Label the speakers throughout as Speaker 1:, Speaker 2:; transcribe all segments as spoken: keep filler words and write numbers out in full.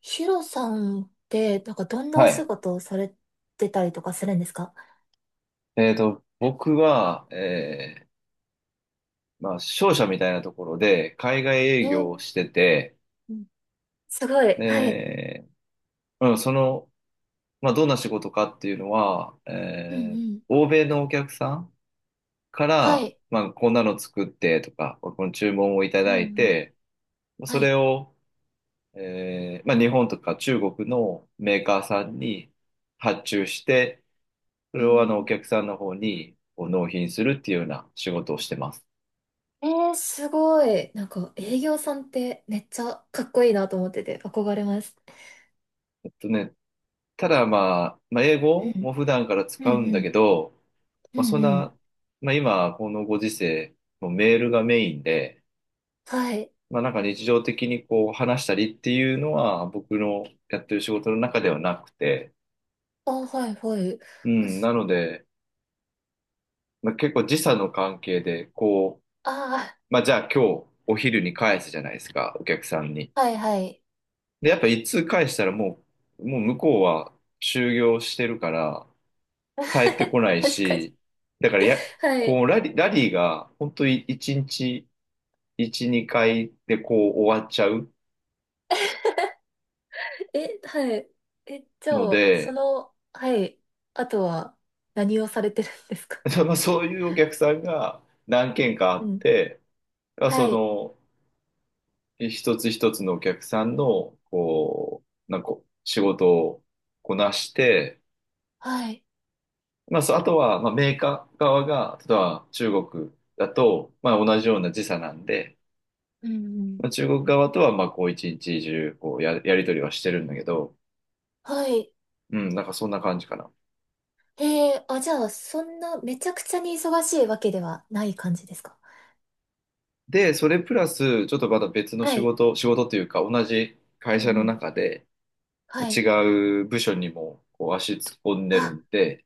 Speaker 1: ヒロさんって、なんかどんな
Speaker 2: は
Speaker 1: お仕
Speaker 2: い。
Speaker 1: 事をされてたりとかするんですか？
Speaker 2: えっと、僕は、えーまあ、商社みたいなところで、海外
Speaker 1: え
Speaker 2: 営業を
Speaker 1: ー、
Speaker 2: してて、
Speaker 1: うん、すごい。はい。
Speaker 2: で、うん、その、まあ、どんな仕事かっていうのは、
Speaker 1: うんう
Speaker 2: えー
Speaker 1: ん。
Speaker 2: 欧米のお客さんか
Speaker 1: は
Speaker 2: ら、
Speaker 1: い。
Speaker 2: まあ、こんなの作ってとか、この注文をいた
Speaker 1: うんう
Speaker 2: だい
Speaker 1: ん。
Speaker 2: て、
Speaker 1: は
Speaker 2: それ
Speaker 1: い。
Speaker 2: を、えーまあ、日本とか中国のメーカーさんに発注して、そ
Speaker 1: う
Speaker 2: れをあの、お
Speaker 1: ん。
Speaker 2: 客さんの方にこう納品するっていうような仕事をしてます。
Speaker 1: えー、すごい。なんか営業さんってめっちゃかっこいいなと思ってて憧れます。
Speaker 2: えっとね、ただまあ、まあ、英
Speaker 1: う
Speaker 2: 語
Speaker 1: ん。
Speaker 2: も普段から
Speaker 1: う
Speaker 2: 使う
Speaker 1: ん
Speaker 2: ん
Speaker 1: う
Speaker 2: だけ
Speaker 1: ん。
Speaker 2: ど、
Speaker 1: う
Speaker 2: まあ、そ
Speaker 1: ん
Speaker 2: ん
Speaker 1: うん。
Speaker 2: な、まあ、今、このご時世、もうメールがメインで、
Speaker 1: はい。
Speaker 2: まあ、なんか日常的にこう話したりっていうのは僕のやってる仕事の中ではなくて、
Speaker 1: あ、はいはい。
Speaker 2: う
Speaker 1: あ、
Speaker 2: ん、なので、まあ、結構時差の関係で、こ
Speaker 1: あ
Speaker 2: う、まあ、じゃあ今日お昼に返すじゃないですか、お客さんに。
Speaker 1: ー、はいはい。
Speaker 2: で、やっぱ一通返したらもう、もう向こうは就業してるから、帰ってこな い
Speaker 1: 確かに。
Speaker 2: し、だからや、
Speaker 1: は
Speaker 2: こ
Speaker 1: い。
Speaker 2: う、ラリ、ラリーが、本当にいちにちいち、にかいでこう終わっちゃう
Speaker 1: え、はい。え、じゃ
Speaker 2: の
Speaker 1: あ、そ
Speaker 2: で、
Speaker 1: の、はい。あとは、何をされてるんですか？
Speaker 2: まあ、そういうお客さんが何件かあ
Speaker 1: う
Speaker 2: っ
Speaker 1: ん。
Speaker 2: て、まあ、
Speaker 1: は
Speaker 2: そ
Speaker 1: い。
Speaker 2: の、一つ一つのお客さんの、こう、なんか、仕事をこなして、
Speaker 1: はい。
Speaker 2: まあ、そう、あとは、まあ、メーカー側が、例えば中国だと、まあ、同じような時差なんで、
Speaker 1: うんうん。
Speaker 2: まあ、中国側とは、まあ、こう、一日中、こうや、やり取りはしてるんだけど、
Speaker 1: はい。
Speaker 2: うん、なんかそんな感じかな。
Speaker 1: ええ、あ、じゃあ、そんな、めちゃくちゃに忙しいわけではない感じですか？
Speaker 2: で、それプラス、ちょっとまた別の
Speaker 1: は
Speaker 2: 仕
Speaker 1: い。
Speaker 2: 事、仕事というか、同じ会
Speaker 1: うんう
Speaker 2: 社の
Speaker 1: ん、
Speaker 2: 中で、
Speaker 1: はい。
Speaker 2: 違う部署にもこう足突っ込んでる
Speaker 1: あ、
Speaker 2: んで、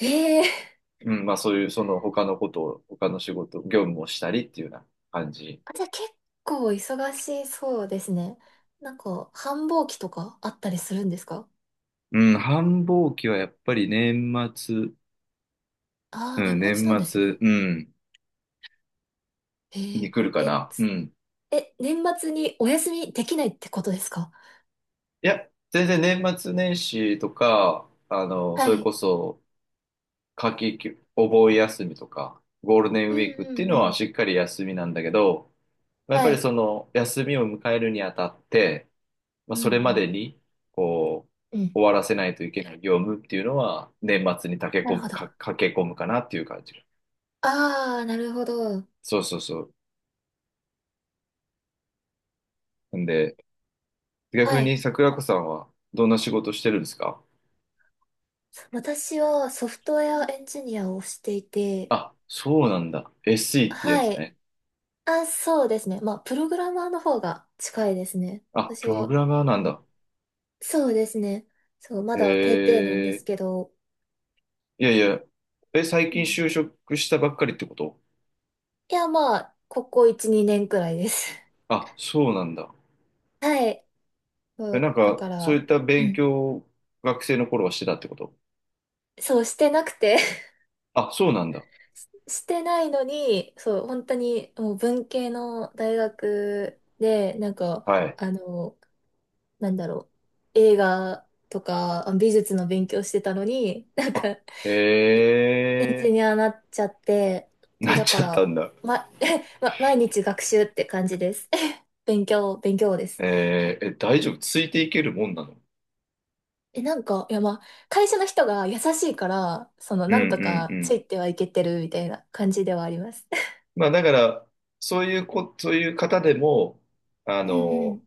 Speaker 1: ええ。
Speaker 2: うん、まあそういう、その他のことを、他の仕事、業務をしたりっていうような感じ。
Speaker 1: あ、じゃあ、結構忙しそうですね。なんか、繁忙期とかあったりするんですか？
Speaker 2: うん、繁忙期はやっぱり年末、
Speaker 1: ああー、
Speaker 2: う
Speaker 1: 年
Speaker 2: ん、
Speaker 1: 末なんで
Speaker 2: 年
Speaker 1: す
Speaker 2: 末、
Speaker 1: ね。
Speaker 2: うん、
Speaker 1: ええ。
Speaker 2: に来るか
Speaker 1: え、
Speaker 2: な。う
Speaker 1: つ
Speaker 2: ん。
Speaker 1: え、年末にお休みできないってことですか？
Speaker 2: いや、全然年末年始とか、あの、そ
Speaker 1: は
Speaker 2: れ
Speaker 1: い。
Speaker 2: こそ、夏季休、お盆休みとか、ゴールデン
Speaker 1: う
Speaker 2: ウ
Speaker 1: ん
Speaker 2: ィークっ
Speaker 1: う
Speaker 2: ていう
Speaker 1: ん
Speaker 2: の
Speaker 1: う
Speaker 2: は
Speaker 1: ん。
Speaker 2: しっかり休みなんだけど、まあやっぱ
Speaker 1: は
Speaker 2: り
Speaker 1: い。
Speaker 2: その休みを迎えるにあたって、まあ、
Speaker 1: うんう
Speaker 2: それま
Speaker 1: ん。
Speaker 2: でに、こう、
Speaker 1: うん。
Speaker 2: 終わらせないといけない業務っていうのは、年末に駆
Speaker 1: な
Speaker 2: け込
Speaker 1: るほ
Speaker 2: む、
Speaker 1: ど。
Speaker 2: か、
Speaker 1: あ
Speaker 2: 駆け込むかなっていう感じ。
Speaker 1: あ、なるほど。
Speaker 2: そうそうそう。んで、
Speaker 1: は
Speaker 2: 逆に
Speaker 1: い。
Speaker 2: 桜子さんはどんな仕事してるんですか？
Speaker 1: 私はソフトウェアエンジニアをしていて、
Speaker 2: あ、そうなんだ。エスイー ってやつ
Speaker 1: はい。
Speaker 2: ね。
Speaker 1: あ、そうですね。まあ、プログラマーの方が近いですね、
Speaker 2: あ、
Speaker 1: 私
Speaker 2: プログ
Speaker 1: は。
Speaker 2: ラマーな
Speaker 1: う
Speaker 2: ん
Speaker 1: ん、
Speaker 2: だ。
Speaker 1: そうですね。そう、まだペーペーなんで
Speaker 2: へ
Speaker 1: す
Speaker 2: え、
Speaker 1: けど。
Speaker 2: いやいや、え、最
Speaker 1: う
Speaker 2: 近
Speaker 1: ん、
Speaker 2: 就職したばっかりってこと？
Speaker 1: いや、まあ、ここいち、にねんくらいです。
Speaker 2: あ、そうなんだ。
Speaker 1: はい。そ
Speaker 2: え、な
Speaker 1: う、
Speaker 2: ん
Speaker 1: だ
Speaker 2: か、
Speaker 1: か
Speaker 2: そうい
Speaker 1: ら、
Speaker 2: った
Speaker 1: う
Speaker 2: 勉
Speaker 1: ん、
Speaker 2: 強を学生の頃はしてたってこと？
Speaker 1: そうしてなくて
Speaker 2: あ、そうなんだ。
Speaker 1: してないのに、そう、本当にもう文系の大学で、なんか、
Speaker 2: はい。
Speaker 1: あの、なんだろう、映画とかあ美術の勉強してたのに、なん
Speaker 2: あ、
Speaker 1: か、
Speaker 2: へ
Speaker 1: エン
Speaker 2: え、
Speaker 1: ジニアになっちゃって、そう、
Speaker 2: なっ
Speaker 1: だ
Speaker 2: ち
Speaker 1: か
Speaker 2: ゃったん
Speaker 1: ら、
Speaker 2: だ。
Speaker 1: ま、ま、毎日学習って感じです。勉強、勉強です。
Speaker 2: えーえ、大丈夫ついていけるもんなの？
Speaker 1: え、なんか、いや、まあ、会社の人が優しいから、その、
Speaker 2: うん
Speaker 1: な
Speaker 2: う
Speaker 1: んと
Speaker 2: んう
Speaker 1: かつ
Speaker 2: ん。
Speaker 1: いてはいけてるみたいな感じではあります。
Speaker 2: まあ、だから、そういうこ、そういう方でも、あ
Speaker 1: うんうん。
Speaker 2: の、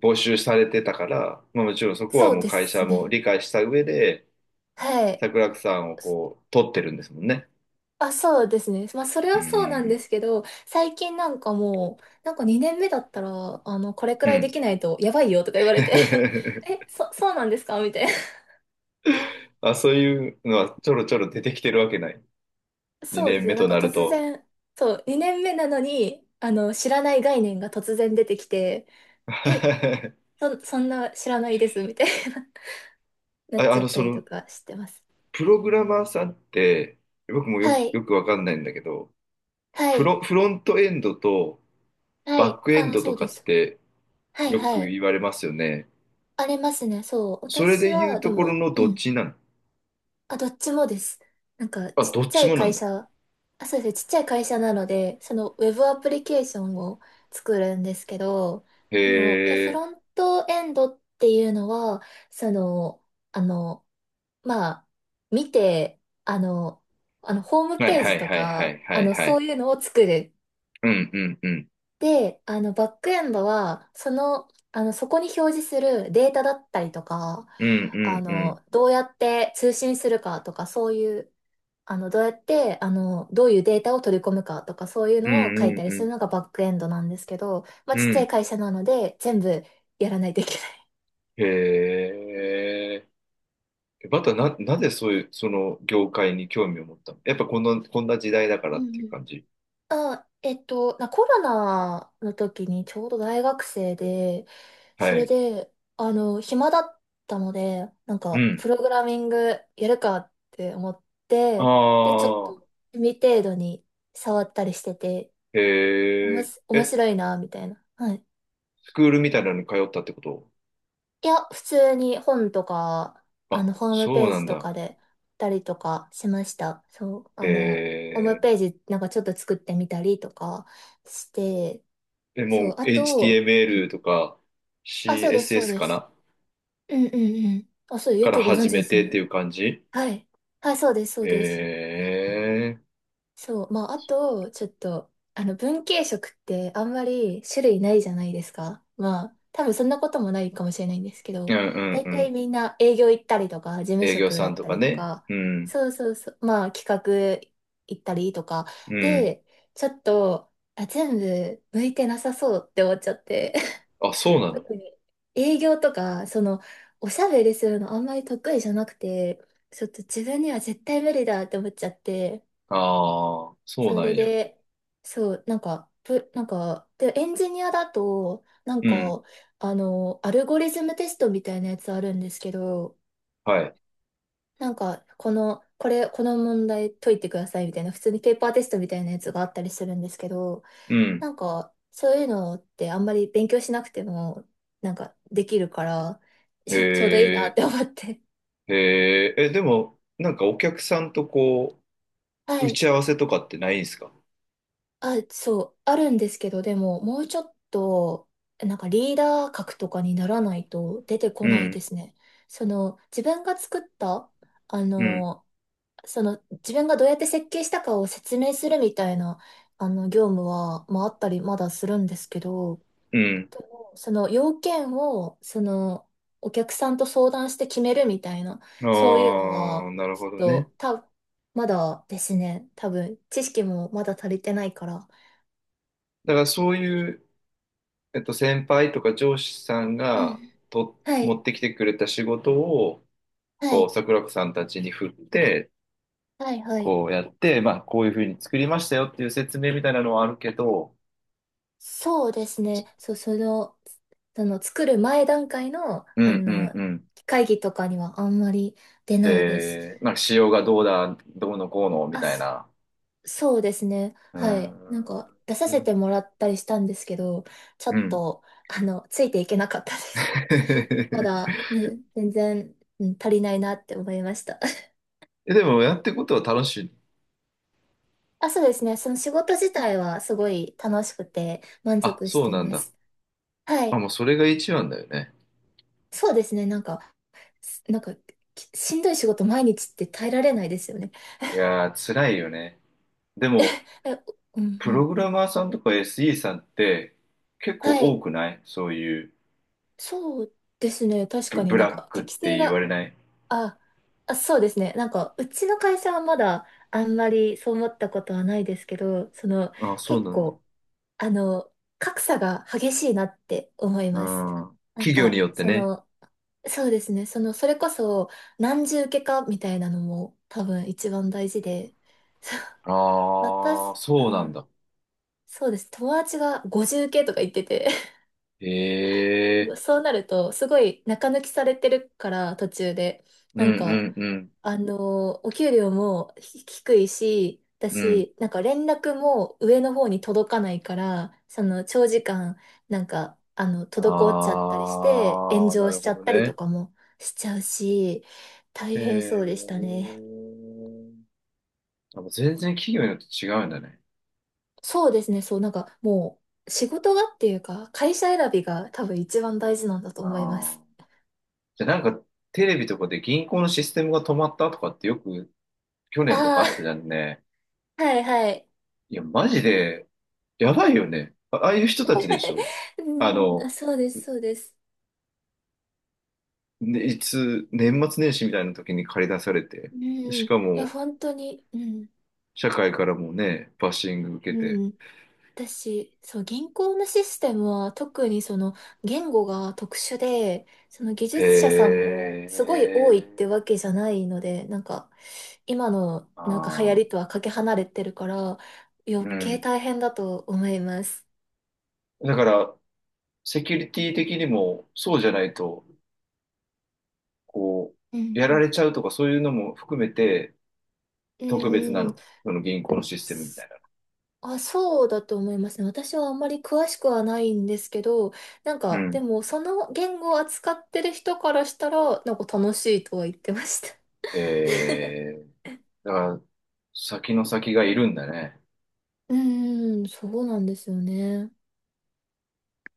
Speaker 2: 募集されてたから、まあ、もちろんそこは
Speaker 1: そう
Speaker 2: もう
Speaker 1: で
Speaker 2: 会社
Speaker 1: す
Speaker 2: も
Speaker 1: ね。
Speaker 2: 理解した上で、
Speaker 1: はい。
Speaker 2: 桜木さんをこう、取ってるんですもんね。
Speaker 1: あ、そうですね。まあ、それ
Speaker 2: うー
Speaker 1: はそうなんで
Speaker 2: ん。
Speaker 1: すけど、最近なんかもう、なんかにねんめだったら、あの、これく
Speaker 2: う
Speaker 1: らいで
Speaker 2: ん。
Speaker 1: きないとやばいよとか言われて。 え、そ、そうなんですかみたいな。
Speaker 2: あ、そういうのはちょろちょろ出てきてるわけない？
Speaker 1: そう
Speaker 2: 2
Speaker 1: で
Speaker 2: 年
Speaker 1: す
Speaker 2: 目
Speaker 1: ね。なん
Speaker 2: と
Speaker 1: か
Speaker 2: な
Speaker 1: 突
Speaker 2: ると。
Speaker 1: 然、そう、にねんめなのに、あの、知らない概念が突然出てきて、え、そ、そんな知らないです、みたいな。 なっ
Speaker 2: あ、
Speaker 1: ち
Speaker 2: あ
Speaker 1: ゃっ
Speaker 2: の、
Speaker 1: た
Speaker 2: そ
Speaker 1: りと
Speaker 2: の、
Speaker 1: かしてます。
Speaker 2: プログラマーさんって、僕もよ
Speaker 1: は
Speaker 2: く、
Speaker 1: い、
Speaker 2: よくわかんないんだけど、
Speaker 1: は
Speaker 2: フ
Speaker 1: い、
Speaker 2: ロ、フロントエンドと
Speaker 1: は
Speaker 2: バ
Speaker 1: い。
Speaker 2: ックエン
Speaker 1: ああ、
Speaker 2: ド
Speaker 1: そ
Speaker 2: と
Speaker 1: う
Speaker 2: か
Speaker 1: で
Speaker 2: っ
Speaker 1: す。
Speaker 2: て
Speaker 1: はい、
Speaker 2: よく
Speaker 1: はい。
Speaker 2: 言われますよね。
Speaker 1: ありますね。そう。
Speaker 2: それ
Speaker 1: 私
Speaker 2: で言う
Speaker 1: は、で
Speaker 2: ところ
Speaker 1: も、
Speaker 2: の
Speaker 1: う
Speaker 2: どっ
Speaker 1: ん。
Speaker 2: ちなの？
Speaker 1: あ、どっちもです。なんか、
Speaker 2: あ、
Speaker 1: ち
Speaker 2: ど
Speaker 1: っ
Speaker 2: っ
Speaker 1: ちゃ
Speaker 2: ち
Speaker 1: い
Speaker 2: もなん
Speaker 1: 会
Speaker 2: だ。
Speaker 1: 社、あ、そうですね、ちっちゃい会社なので、そのウェブアプリケーションを作るんですけど、
Speaker 2: へ
Speaker 1: その、え、フ
Speaker 2: え。
Speaker 1: ロントエンドっていうのは、その、あの、まあ、見て、あの、あの、ホーム
Speaker 2: はい
Speaker 1: ペー
Speaker 2: は
Speaker 1: ジ
Speaker 2: い
Speaker 1: と
Speaker 2: はいは
Speaker 1: か、
Speaker 2: いは
Speaker 1: あ
Speaker 2: い
Speaker 1: の、
Speaker 2: は
Speaker 1: そう
Speaker 2: い。
Speaker 1: いうのを作る。
Speaker 2: うんうんうん。
Speaker 1: で、あの、バックエンドは、その、あの、そこに表示するデータだったりとか、
Speaker 2: うんう
Speaker 1: あ
Speaker 2: んうん。
Speaker 1: の、どうやって通信するかとか、そういう、あの、どうやって、あの、どういうデータを取り込むかとか、そういう
Speaker 2: うん
Speaker 1: のを書い
Speaker 2: うん
Speaker 1: たり
Speaker 2: う
Speaker 1: す
Speaker 2: ん。
Speaker 1: るのがバックエンドなんですけど、まあ、
Speaker 2: う
Speaker 1: ちっちゃい
Speaker 2: ん。
Speaker 1: 会社なので、全部やらないといけない。
Speaker 2: へえ。えバターな、なぜそういう、その業界に興味を持ったの？やっぱこの、こんな時代だか
Speaker 1: う
Speaker 2: らってい
Speaker 1: んう
Speaker 2: う
Speaker 1: ん、
Speaker 2: 感じ。
Speaker 1: あ、えっと、なコロナの時にちょうど大学生で、そ
Speaker 2: は
Speaker 1: れ
Speaker 2: い。
Speaker 1: で、あの、暇だったので、なん
Speaker 2: う
Speaker 1: か、
Speaker 2: ん。
Speaker 1: プログラミングやるかって思っ
Speaker 2: あ
Speaker 1: て、で、ちょっと、
Speaker 2: あ、
Speaker 1: 趣味程度に触ったりしてて、
Speaker 2: へ
Speaker 1: おもし、
Speaker 2: え。
Speaker 1: 面
Speaker 2: え、
Speaker 1: 白いな、みたいな。はい、
Speaker 2: スクールみたいなのに通ったってこと？
Speaker 1: いや、普通に本とか、あ
Speaker 2: あ、
Speaker 1: の、ホーム
Speaker 2: そ
Speaker 1: ペ
Speaker 2: う
Speaker 1: ー
Speaker 2: な
Speaker 1: ジ
Speaker 2: ん
Speaker 1: と
Speaker 2: だ。
Speaker 1: かで、たりとかしました。そう、
Speaker 2: へ
Speaker 1: あの、ホーム
Speaker 2: え。
Speaker 1: ページなんかちょっと作ってみたりとかして、
Speaker 2: え、
Speaker 1: そ
Speaker 2: も
Speaker 1: う、
Speaker 2: う
Speaker 1: あと、うん、
Speaker 2: エイチティーエムエル とか
Speaker 1: あ、そうです、そう
Speaker 2: シーエスエス
Speaker 1: で
Speaker 2: か
Speaker 1: す。
Speaker 2: な
Speaker 1: うんうんうん。あ、そう、よ
Speaker 2: から
Speaker 1: くご存
Speaker 2: 始
Speaker 1: 知で
Speaker 2: め
Speaker 1: す
Speaker 2: てって
Speaker 1: ね。
Speaker 2: いう感じ？
Speaker 1: はい。はい、そうです、そうです。
Speaker 2: へえ。
Speaker 1: そう。まあ、あと、ちょっと、あの、文系色ってあんまり種類ないじゃないですか。まあ、多分そんなこともないかもしれないんですけ
Speaker 2: うん
Speaker 1: ど、
Speaker 2: うん
Speaker 1: 大
Speaker 2: う
Speaker 1: 体
Speaker 2: ん。
Speaker 1: みんな営業行ったりとか、事務
Speaker 2: 営業
Speaker 1: 職
Speaker 2: さ
Speaker 1: だ
Speaker 2: ん
Speaker 1: っ
Speaker 2: と
Speaker 1: た
Speaker 2: か
Speaker 1: りと
Speaker 2: ね。
Speaker 1: か、
Speaker 2: うん。
Speaker 1: そうそうそう、まあ、企画行ったりとか、
Speaker 2: うん。
Speaker 1: で、ちょっと、あ、全部向いてなさそうって思っちゃって。
Speaker 2: あ、そう なの？
Speaker 1: 特に営業とか、その、おしゃべりするのあんまり得意じゃなくて、ちょっと自分には絶対無理だって思っちゃって、
Speaker 2: ああ、そう
Speaker 1: そ
Speaker 2: な
Speaker 1: れ
Speaker 2: んや。
Speaker 1: で、そう、なんか、プなんか、で、エンジニアだと、なん
Speaker 2: うん。
Speaker 1: か、あの、アルゴリズムテストみたいなやつあるんですけど、
Speaker 2: はい。
Speaker 1: なんか、この、これ、この問題解いてくださいみたいな、普通にペーパーテストみたいなやつがあったりするんですけど、
Speaker 2: うん。
Speaker 1: なんか、そういうのってあんまり勉強しなくても、なんか、できるから、
Speaker 2: へ
Speaker 1: ちょうどいいなっ
Speaker 2: え、
Speaker 1: て思って。
Speaker 2: へえ、え、でも、なんかお客さんとこ
Speaker 1: は
Speaker 2: う、打
Speaker 1: い。
Speaker 2: ち合わせとかってないんですか？
Speaker 1: あ、そう、あるんですけど、でも、もうちょっと、なんかリーダー格とかにならないと出てこ
Speaker 2: う
Speaker 1: ない
Speaker 2: ん、
Speaker 1: ですね。その、自分が作った、あ
Speaker 2: うん、
Speaker 1: の、その、自分がどうやって設計したかを説明するみたいな、あの、業務は、まあ、あったり、まだするんですけど、
Speaker 2: うん。
Speaker 1: でもその、要件を、その、お客さんと相談して決めるみたいな、
Speaker 2: あ
Speaker 1: そういうの
Speaker 2: あ、
Speaker 1: は、
Speaker 2: なる
Speaker 1: ち
Speaker 2: ほど
Speaker 1: ょ
Speaker 2: ね。
Speaker 1: っと、た、まだですね、多分、知識もまだ足りてないから、
Speaker 2: だからそういう、えっと、先輩とか上司さん
Speaker 1: う
Speaker 2: が
Speaker 1: ん。
Speaker 2: と
Speaker 1: は
Speaker 2: 持
Speaker 1: い。
Speaker 2: ってきてくれた仕事を、
Speaker 1: は
Speaker 2: こう、
Speaker 1: い。
Speaker 2: 桜子さんたちに振って、
Speaker 1: はい。はい。
Speaker 2: こうやって、まあ、こういうふうに作りましたよっていう説明みたいなのはあるけど、
Speaker 1: そうですね。そう、その、その作る前段階の、
Speaker 2: う
Speaker 1: あ
Speaker 2: ん、うん、
Speaker 1: の、
Speaker 2: うん。
Speaker 1: 会議とかにはあんまり出ないです。
Speaker 2: えー、なんか仕様がどうだ、どうのこうのみ
Speaker 1: あ、
Speaker 2: たい
Speaker 1: そ、
Speaker 2: な。
Speaker 1: そうですね。はい。なん
Speaker 2: あ
Speaker 1: か、出させて
Speaker 2: ー
Speaker 1: もらったりしたんですけど、ちょ
Speaker 2: う
Speaker 1: っ
Speaker 2: ん。
Speaker 1: と、あの、ついていけなかったです。ま だ、ね、全然、うん、足りないなって思いました。
Speaker 2: え、でもやってことは楽しい？
Speaker 1: あ、そうですね。その仕事自体はすごい楽しくて満
Speaker 2: あ、
Speaker 1: 足し
Speaker 2: そう
Speaker 1: て
Speaker 2: なん
Speaker 1: ま
Speaker 2: だ。
Speaker 1: す。は
Speaker 2: あ、
Speaker 1: い。
Speaker 2: もうそれが一番だよね。
Speaker 1: そうですね。なんか、すなんか、きしんどい仕事毎日って耐えられないですよね。
Speaker 2: い やー、辛いよね。でも、
Speaker 1: え、うん
Speaker 2: プ
Speaker 1: うん。
Speaker 2: ログラマーさんとか エスイー さんって結構
Speaker 1: は
Speaker 2: 多
Speaker 1: い。
Speaker 2: くない？そういう
Speaker 1: そうですね。確
Speaker 2: ブ、
Speaker 1: か
Speaker 2: ブ
Speaker 1: になん
Speaker 2: ラッ
Speaker 1: か
Speaker 2: クっ
Speaker 1: 適
Speaker 2: て
Speaker 1: 性
Speaker 2: 言わ
Speaker 1: が、
Speaker 2: れない？
Speaker 1: あ、あ、そうですね。なんか、うちの会社はまだあんまりそう思ったことはないですけど、その、
Speaker 2: あ、そう
Speaker 1: 結
Speaker 2: なんだ。
Speaker 1: 構、あの、格差が激しいなって思い
Speaker 2: う
Speaker 1: ます。
Speaker 2: ん。
Speaker 1: なん
Speaker 2: 企業に
Speaker 1: か、
Speaker 2: よって
Speaker 1: そ
Speaker 2: ね。
Speaker 1: の、そうですね。その、それこそ、何重受けかみたいなのも多分一番大事で、そう、
Speaker 2: ああ、
Speaker 1: 私、う
Speaker 2: そうなん
Speaker 1: ん、
Speaker 2: だ。
Speaker 1: そうです。友達がごじゅう系とか言ってて。
Speaker 2: へえ。
Speaker 1: そうなると、すごい中抜きされてるから、途中で。
Speaker 2: う
Speaker 1: なんか、
Speaker 2: んうんう
Speaker 1: あのーお給料もひ低いし、だ
Speaker 2: ん。う
Speaker 1: し、なんか連絡も上の方に届かないから、その長時間、なんか、あの、
Speaker 2: ん。
Speaker 1: 滞っちゃったりして、炎
Speaker 2: ああ、な
Speaker 1: 上
Speaker 2: る
Speaker 1: しち
Speaker 2: ほ
Speaker 1: ゃっ
Speaker 2: ど
Speaker 1: たりと
Speaker 2: ね。
Speaker 1: かもしちゃうし、大
Speaker 2: へ
Speaker 1: 変そうでした
Speaker 2: え。
Speaker 1: ね。
Speaker 2: あもう全然企業によって違うんだね。
Speaker 1: そうですね、そう、なんかもう、仕事がっていうか、会社選びが多分一番大事なんだと
Speaker 2: あ
Speaker 1: 思います。
Speaker 2: あ。じゃあなんかテレビとかで銀行のシステムが止まったとかってよく去年とかあったじゃ
Speaker 1: あ
Speaker 2: んね。
Speaker 1: あ、はいはい。
Speaker 2: いや、マジで、やばいよね。あ、ああいう人たちでしょ？
Speaker 1: う
Speaker 2: あ
Speaker 1: ん、あ、
Speaker 2: の、
Speaker 1: そうです、そうです。
Speaker 2: ね、いつ、年末年始みたいな時に駆り出されて、
Speaker 1: う
Speaker 2: し
Speaker 1: ん、い
Speaker 2: か
Speaker 1: や、
Speaker 2: も、
Speaker 1: 本当に、うん、
Speaker 2: 社会からもね、バッシング受けて。
Speaker 1: うん。私、そう、銀行のシステムは特にその言語が特殊で、その技
Speaker 2: へ
Speaker 1: 術者さんもすごい多いって
Speaker 2: え。
Speaker 1: わけじゃないので、なんか、今の
Speaker 2: あ
Speaker 1: なんか流行り
Speaker 2: あ。
Speaker 1: とはかけ離れてるから、余
Speaker 2: う
Speaker 1: 計
Speaker 2: ん。
Speaker 1: 大変だと思います。
Speaker 2: だから、セキュリティ的にもそうじゃないと、こ
Speaker 1: う
Speaker 2: う、やら
Speaker 1: ん
Speaker 2: れちゃうとかそういうのも含めて
Speaker 1: うん。う
Speaker 2: 特別な
Speaker 1: んうん。
Speaker 2: の？その銀行のシステムみたい
Speaker 1: あ、そうだと思いますね。私はあんまり詳しくはないんですけど、なん
Speaker 2: な。う
Speaker 1: か、
Speaker 2: ん。
Speaker 1: でも、その言語を扱ってる人からしたら、なんか楽しいとは言ってました。
Speaker 2: えー、だから先の先がいるんだね。
Speaker 1: うーん、そうなんですよね。